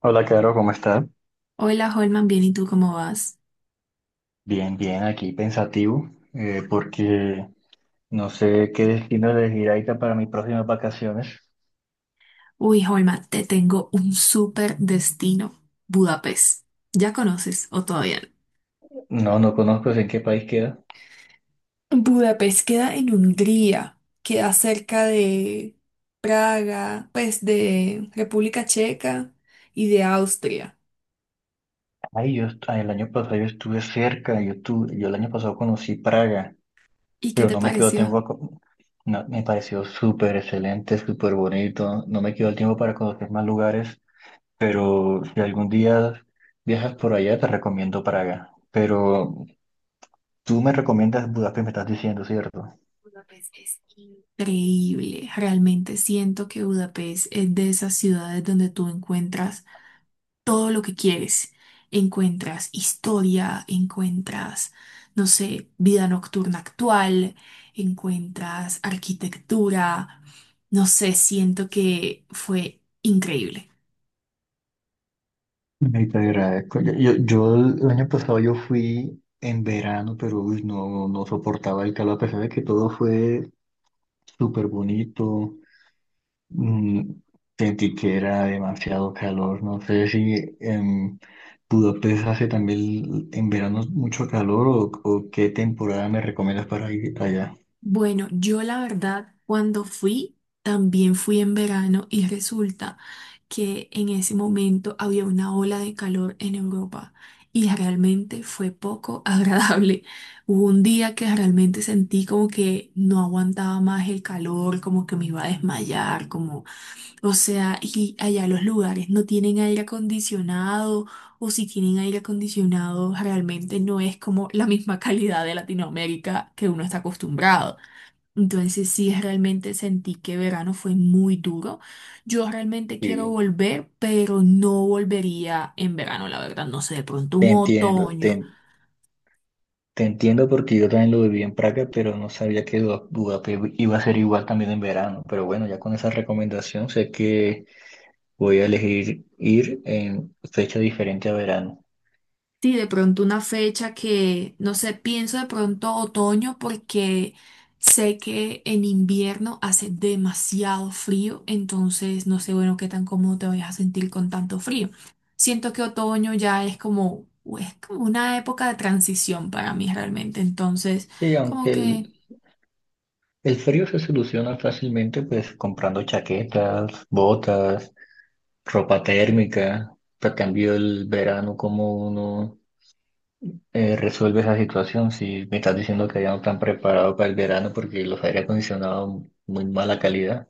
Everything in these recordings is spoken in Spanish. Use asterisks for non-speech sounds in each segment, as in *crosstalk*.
Hola, Caro, ¿cómo estás? Hola Holman, bien, ¿y tú cómo vas? Bien, bien, aquí pensativo, porque no sé qué destino elegir ahorita para mis próximas vacaciones. Uy, Holman, te tengo un súper destino, Budapest. ¿Ya conoces o todavía No, no conozco en qué país queda. no? Budapest queda en Hungría, queda cerca de Praga, pues de República Checa y de Austria. Ay, el año pasado yo estuve cerca, yo el año pasado conocí Praga, ¿Y qué pero te no me quedó tiempo pareció? a co- no, me pareció súper excelente, súper bonito, no me quedó el tiempo para conocer más lugares, pero si algún día viajas por allá, te recomiendo Praga. Pero tú me recomiendas Budapest, me estás diciendo, ¿cierto? Budapest es increíble. Realmente siento que Budapest es de esas ciudades donde tú encuentras todo lo que quieres. Encuentras historia, encuentras, no sé, vida nocturna actual, encuentras arquitectura, no sé, siento que fue increíble. Ay, te agradezco. Yo el año pasado yo fui en verano, pero uy, no, no soportaba el calor, a pesar de que todo fue súper bonito. mm, Sentí que era demasiado calor. No sé si en Budapest hace también en verano mucho calor o qué temporada me recomiendas para ir allá. Bueno, yo la verdad, cuando fui, también fui en verano y resulta que en ese momento había una ola de calor en Europa y realmente fue poco *laughs* agradable. Hubo un día que realmente sentí como que no aguantaba más el calor, como que me iba a desmayar, como, o sea, y allá los lugares no tienen aire acondicionado o si tienen aire acondicionado realmente no es como la misma *laughs* calidad de Latinoamérica que uno está acostumbrado. Entonces sí, realmente sentí que verano fue muy duro. Yo realmente quiero Sí, volver, pero no volvería en verano, la verdad. No sé, de pronto un te entiendo, te otoño. Te entiendo porque yo también lo viví en Praga, pero no sabía que Budapest iba a ser igual también en verano. Pero bueno, ya con esa recomendación sé que voy a elegir ir en fecha diferente a verano. Sí, de pronto una fecha que, no sé, pienso de pronto otoño porque sé que en invierno hace demasiado frío, entonces no sé, bueno, qué tan cómodo te vayas a sentir con tanto frío. Siento que otoño ya es como una época de transición para mí realmente, entonces Sí, como que el frío se soluciona fácilmente, pues comprando chaquetas, botas, ropa térmica. Te cambio el verano, como uno resuelve esa situación. Si me estás diciendo que ya no están preparados para el verano porque los aire acondicionados muy mala calidad.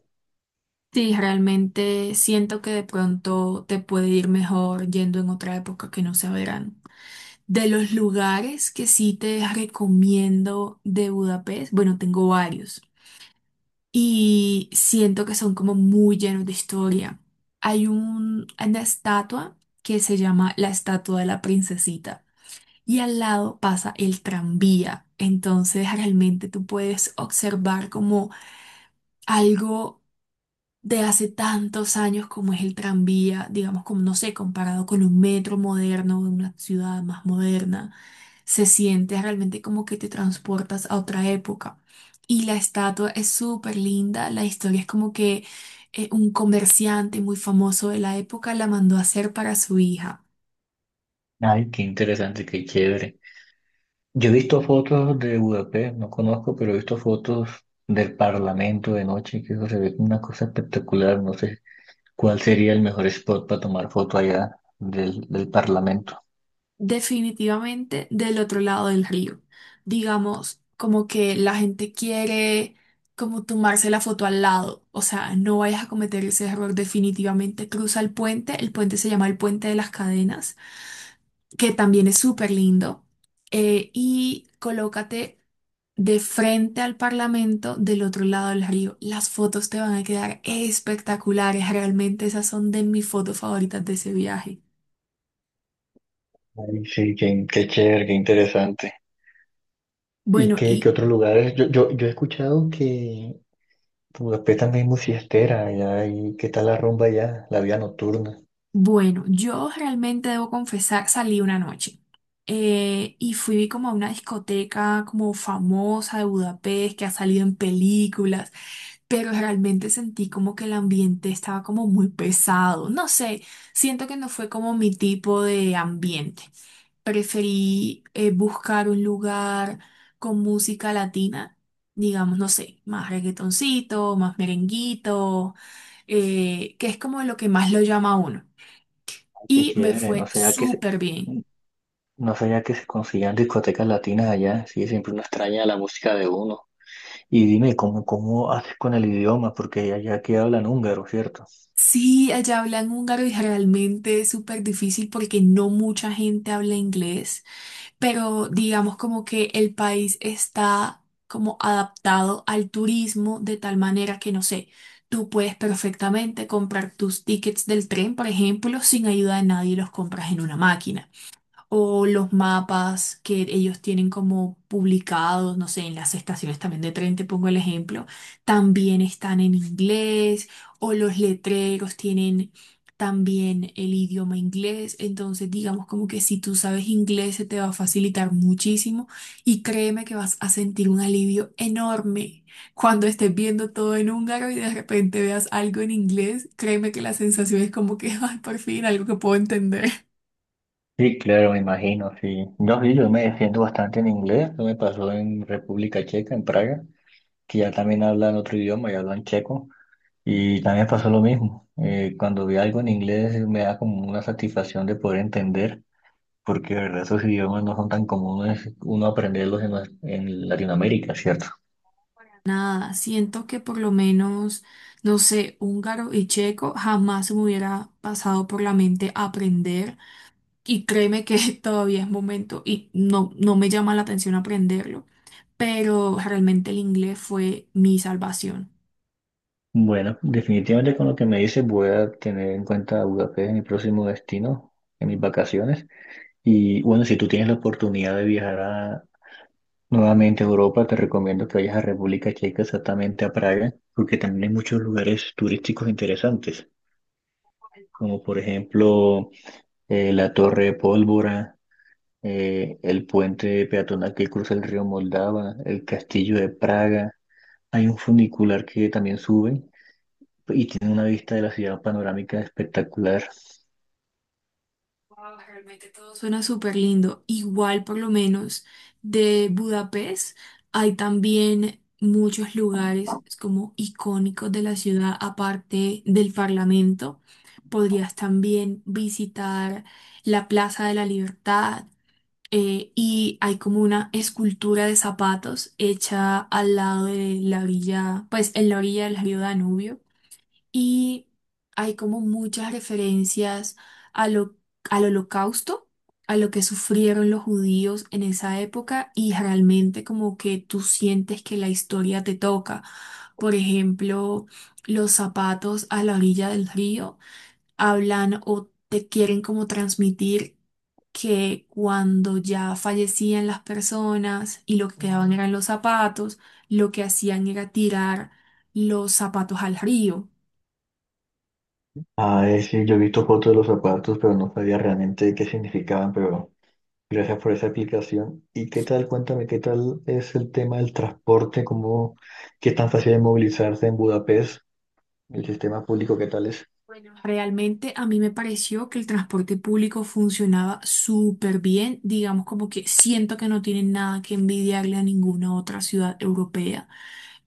sí, realmente siento que de pronto te puede ir mejor yendo en otra época que no sea verano. De los lugares que sí te recomiendo de Budapest, bueno, tengo varios y siento que son como muy llenos de historia. Hay un, una estatua que se llama la estatua de la princesita y al lado pasa el tranvía. Entonces realmente tú puedes observar como algo de hace tantos años como es el tranvía, digamos, como no sé, comparado con un metro moderno de una ciudad más moderna, se siente realmente como que te transportas a otra época. Y la estatua es súper linda, la historia es como que un comerciante muy famoso de la época la mandó a hacer para su hija. Ay, qué interesante, qué chévere. Yo he visto fotos de Budapest, no conozco, pero he visto fotos del Parlamento de noche, que eso se ve como una cosa espectacular. No sé cuál sería el mejor spot para tomar foto allá del Parlamento. Definitivamente del otro lado del río. Digamos, como que la gente quiere como tomarse la foto al lado. O sea, no vayas a cometer ese error. Definitivamente cruza el puente. El puente se llama el Puente de las Cadenas, que también es súper lindo. Y colócate de frente al Parlamento del otro lado del río. Las fotos te van a quedar espectaculares. Realmente esas son de mis fotos favoritas de ese viaje. Ay, sí, qué chévere, qué interesante. ¿Y Bueno, qué y otros lugares? Yo he escuchado que Budapest también es muy fiestera, allá, y qué tal la rumba allá, la vida nocturna. bueno, yo realmente debo confesar, salí una noche y fui como a una discoteca como famosa de Budapest que ha salido en películas, pero realmente sentí como que el ambiente estaba como muy pesado. No sé, siento que no fue como mi tipo de ambiente. Preferí buscar un lugar con música latina, digamos, no sé, más reggaetoncito, más merenguito, que es como lo que más lo llama a uno Qué y me chévere, no fue sé a qué se- súper bien. No sabía que se conseguían discotecas latinas allá. Sí, siempre uno extraña la música de uno. Y dime, cómo haces con el idioma? Porque allá que hablan húngaro, ¿cierto? Sí, allá hablan húngaro y realmente es súper difícil porque no mucha gente habla inglés, pero digamos como que el país está como adaptado al turismo de tal manera que no sé, tú puedes perfectamente comprar tus tickets del tren, por ejemplo, sin ayuda de nadie, los compras en una máquina. O los mapas que ellos tienen como publicados, no sé, en las estaciones también de tren, te pongo el ejemplo, también están en inglés, o los letreros tienen también el idioma inglés, entonces digamos como que si tú sabes inglés se te va a facilitar muchísimo y créeme que vas a sentir un alivio enorme. Cuando estés viendo todo en húngaro y de repente veas algo en inglés, créeme que la sensación es como que, *laughs* ay, por fin, algo que puedo entender. Sí, claro, me imagino, sí. No, sí, yo me defiendo bastante en inglés. Eso me pasó en República Checa, en Praga, que ya también hablan otro idioma, ya hablan checo. Y también pasó lo mismo. Cuando vi algo en inglés me da como una satisfacción de poder entender, porque de verdad esos idiomas no son tan comunes uno aprenderlos en Latinoamérica, ¿cierto? Nada, siento que por lo menos, no sé, húngaro y checo jamás se me hubiera pasado por la mente aprender y créeme que *laughs* todavía es momento y no, no me llama la atención aprenderlo, pero realmente el inglés fue mi salvación. Bueno, definitivamente con lo que me dices voy a tener en cuenta Budapest en mi próximo destino, en mis vacaciones. Y bueno, si tú tienes la oportunidad de nuevamente a Europa, te recomiendo que vayas a República Checa, exactamente a Praga, porque también hay muchos lugares turísticos interesantes, como por ejemplo la Torre de Pólvora, el puente peatonal que cruza el río Moldava, el Castillo de Praga. Hay un funicular que también sube y tiene una vista de la ciudad panorámica espectacular. Wow, realmente todo suena súper lindo. Igual, por lo menos, de Budapest hay también muchos lugares como icónicos de la ciudad, aparte del Parlamento. Podrías también visitar la Plaza de la Libertad y hay como una escultura de zapatos hecha al lado de la orilla, pues en la orilla del río Danubio y hay como muchas referencias a lo- al holocausto, a lo que sufrieron los judíos en esa época y realmente como que tú sientes que la historia te toca. Por ejemplo, los zapatos a la orilla del río hablan o te quieren como transmitir que cuando ya fallecían las personas y lo que quedaban eran los zapatos, lo que hacían era tirar los zapatos al río. Ah, sí, yo he visto fotos de los zapatos, pero no sabía realmente qué significaban, pero gracias por esa aplicación. ¿Y qué tal? Cuéntame, ¿qué tal es el tema del transporte? ¿Cómo, qué tan fácil es movilizarse en Budapest? ¿El sistema público qué tal es? Bueno, realmente a mí me pareció que el transporte público funcionaba súper bien, digamos como que siento que no tienen nada que envidiarle a ninguna otra ciudad europea.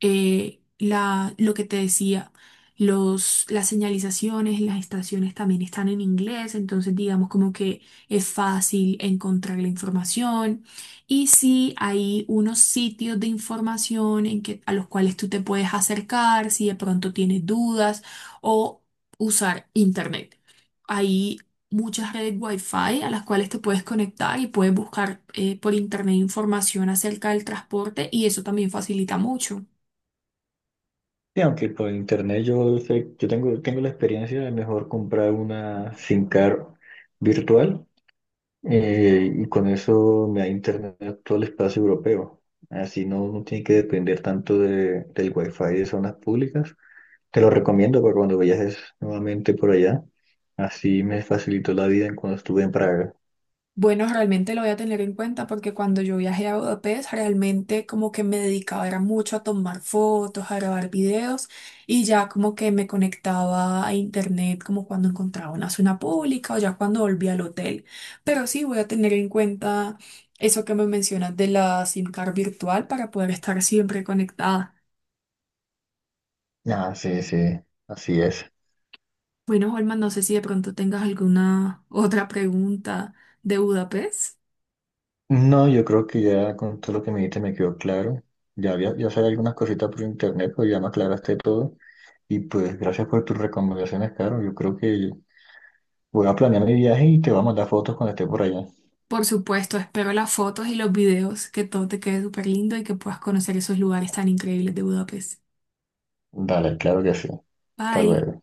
Lo que te decía, las señalizaciones, las estaciones también están en inglés, entonces digamos como que es fácil encontrar la información. Y sí, hay unos sitios de información en que, a los cuales tú te puedes acercar si de pronto tienes dudas o usar internet. Hay muchas redes Wi-Fi a las cuales te puedes conectar y puedes buscar por internet información acerca del transporte y eso también facilita mucho. Sí, aunque por internet yo sé, tengo la experiencia de mejor comprar una SIM card virtual. Y con eso me da internet a todo el espacio europeo. Así no tiene que depender tanto del wifi de zonas públicas. Te lo recomiendo para cuando viajes nuevamente por allá. Así me facilitó la vida en cuando estuve en Praga. Bueno, realmente lo voy a tener en cuenta porque cuando yo viajé a Budapest, realmente como que me dedicaba era mucho a tomar fotos, a grabar videos y ya como que me conectaba a internet como cuando encontraba una zona pública o ya cuando volví al hotel. Pero sí voy a tener en cuenta eso que me mencionas de la SIM card virtual para poder estar siempre conectada. Ah, sí, sí, así es. Bueno, Holman, no sé si de pronto tengas alguna otra pregunta de Budapest. No, yo creo que ya con todo lo que me dijiste me quedó claro. Ya sabía algunas cositas por internet, pero ya me aclaraste todo. Y pues gracias por tus recomendaciones, Caro. Yo creo que voy a planear mi viaje y te voy a mandar fotos cuando esté por allá. Por supuesto, espero las fotos y los videos, que todo te quede súper lindo y que puedas conocer esos lugares tan increíbles de Budapest. Dale, claro que sí. Hasta Bye. luego.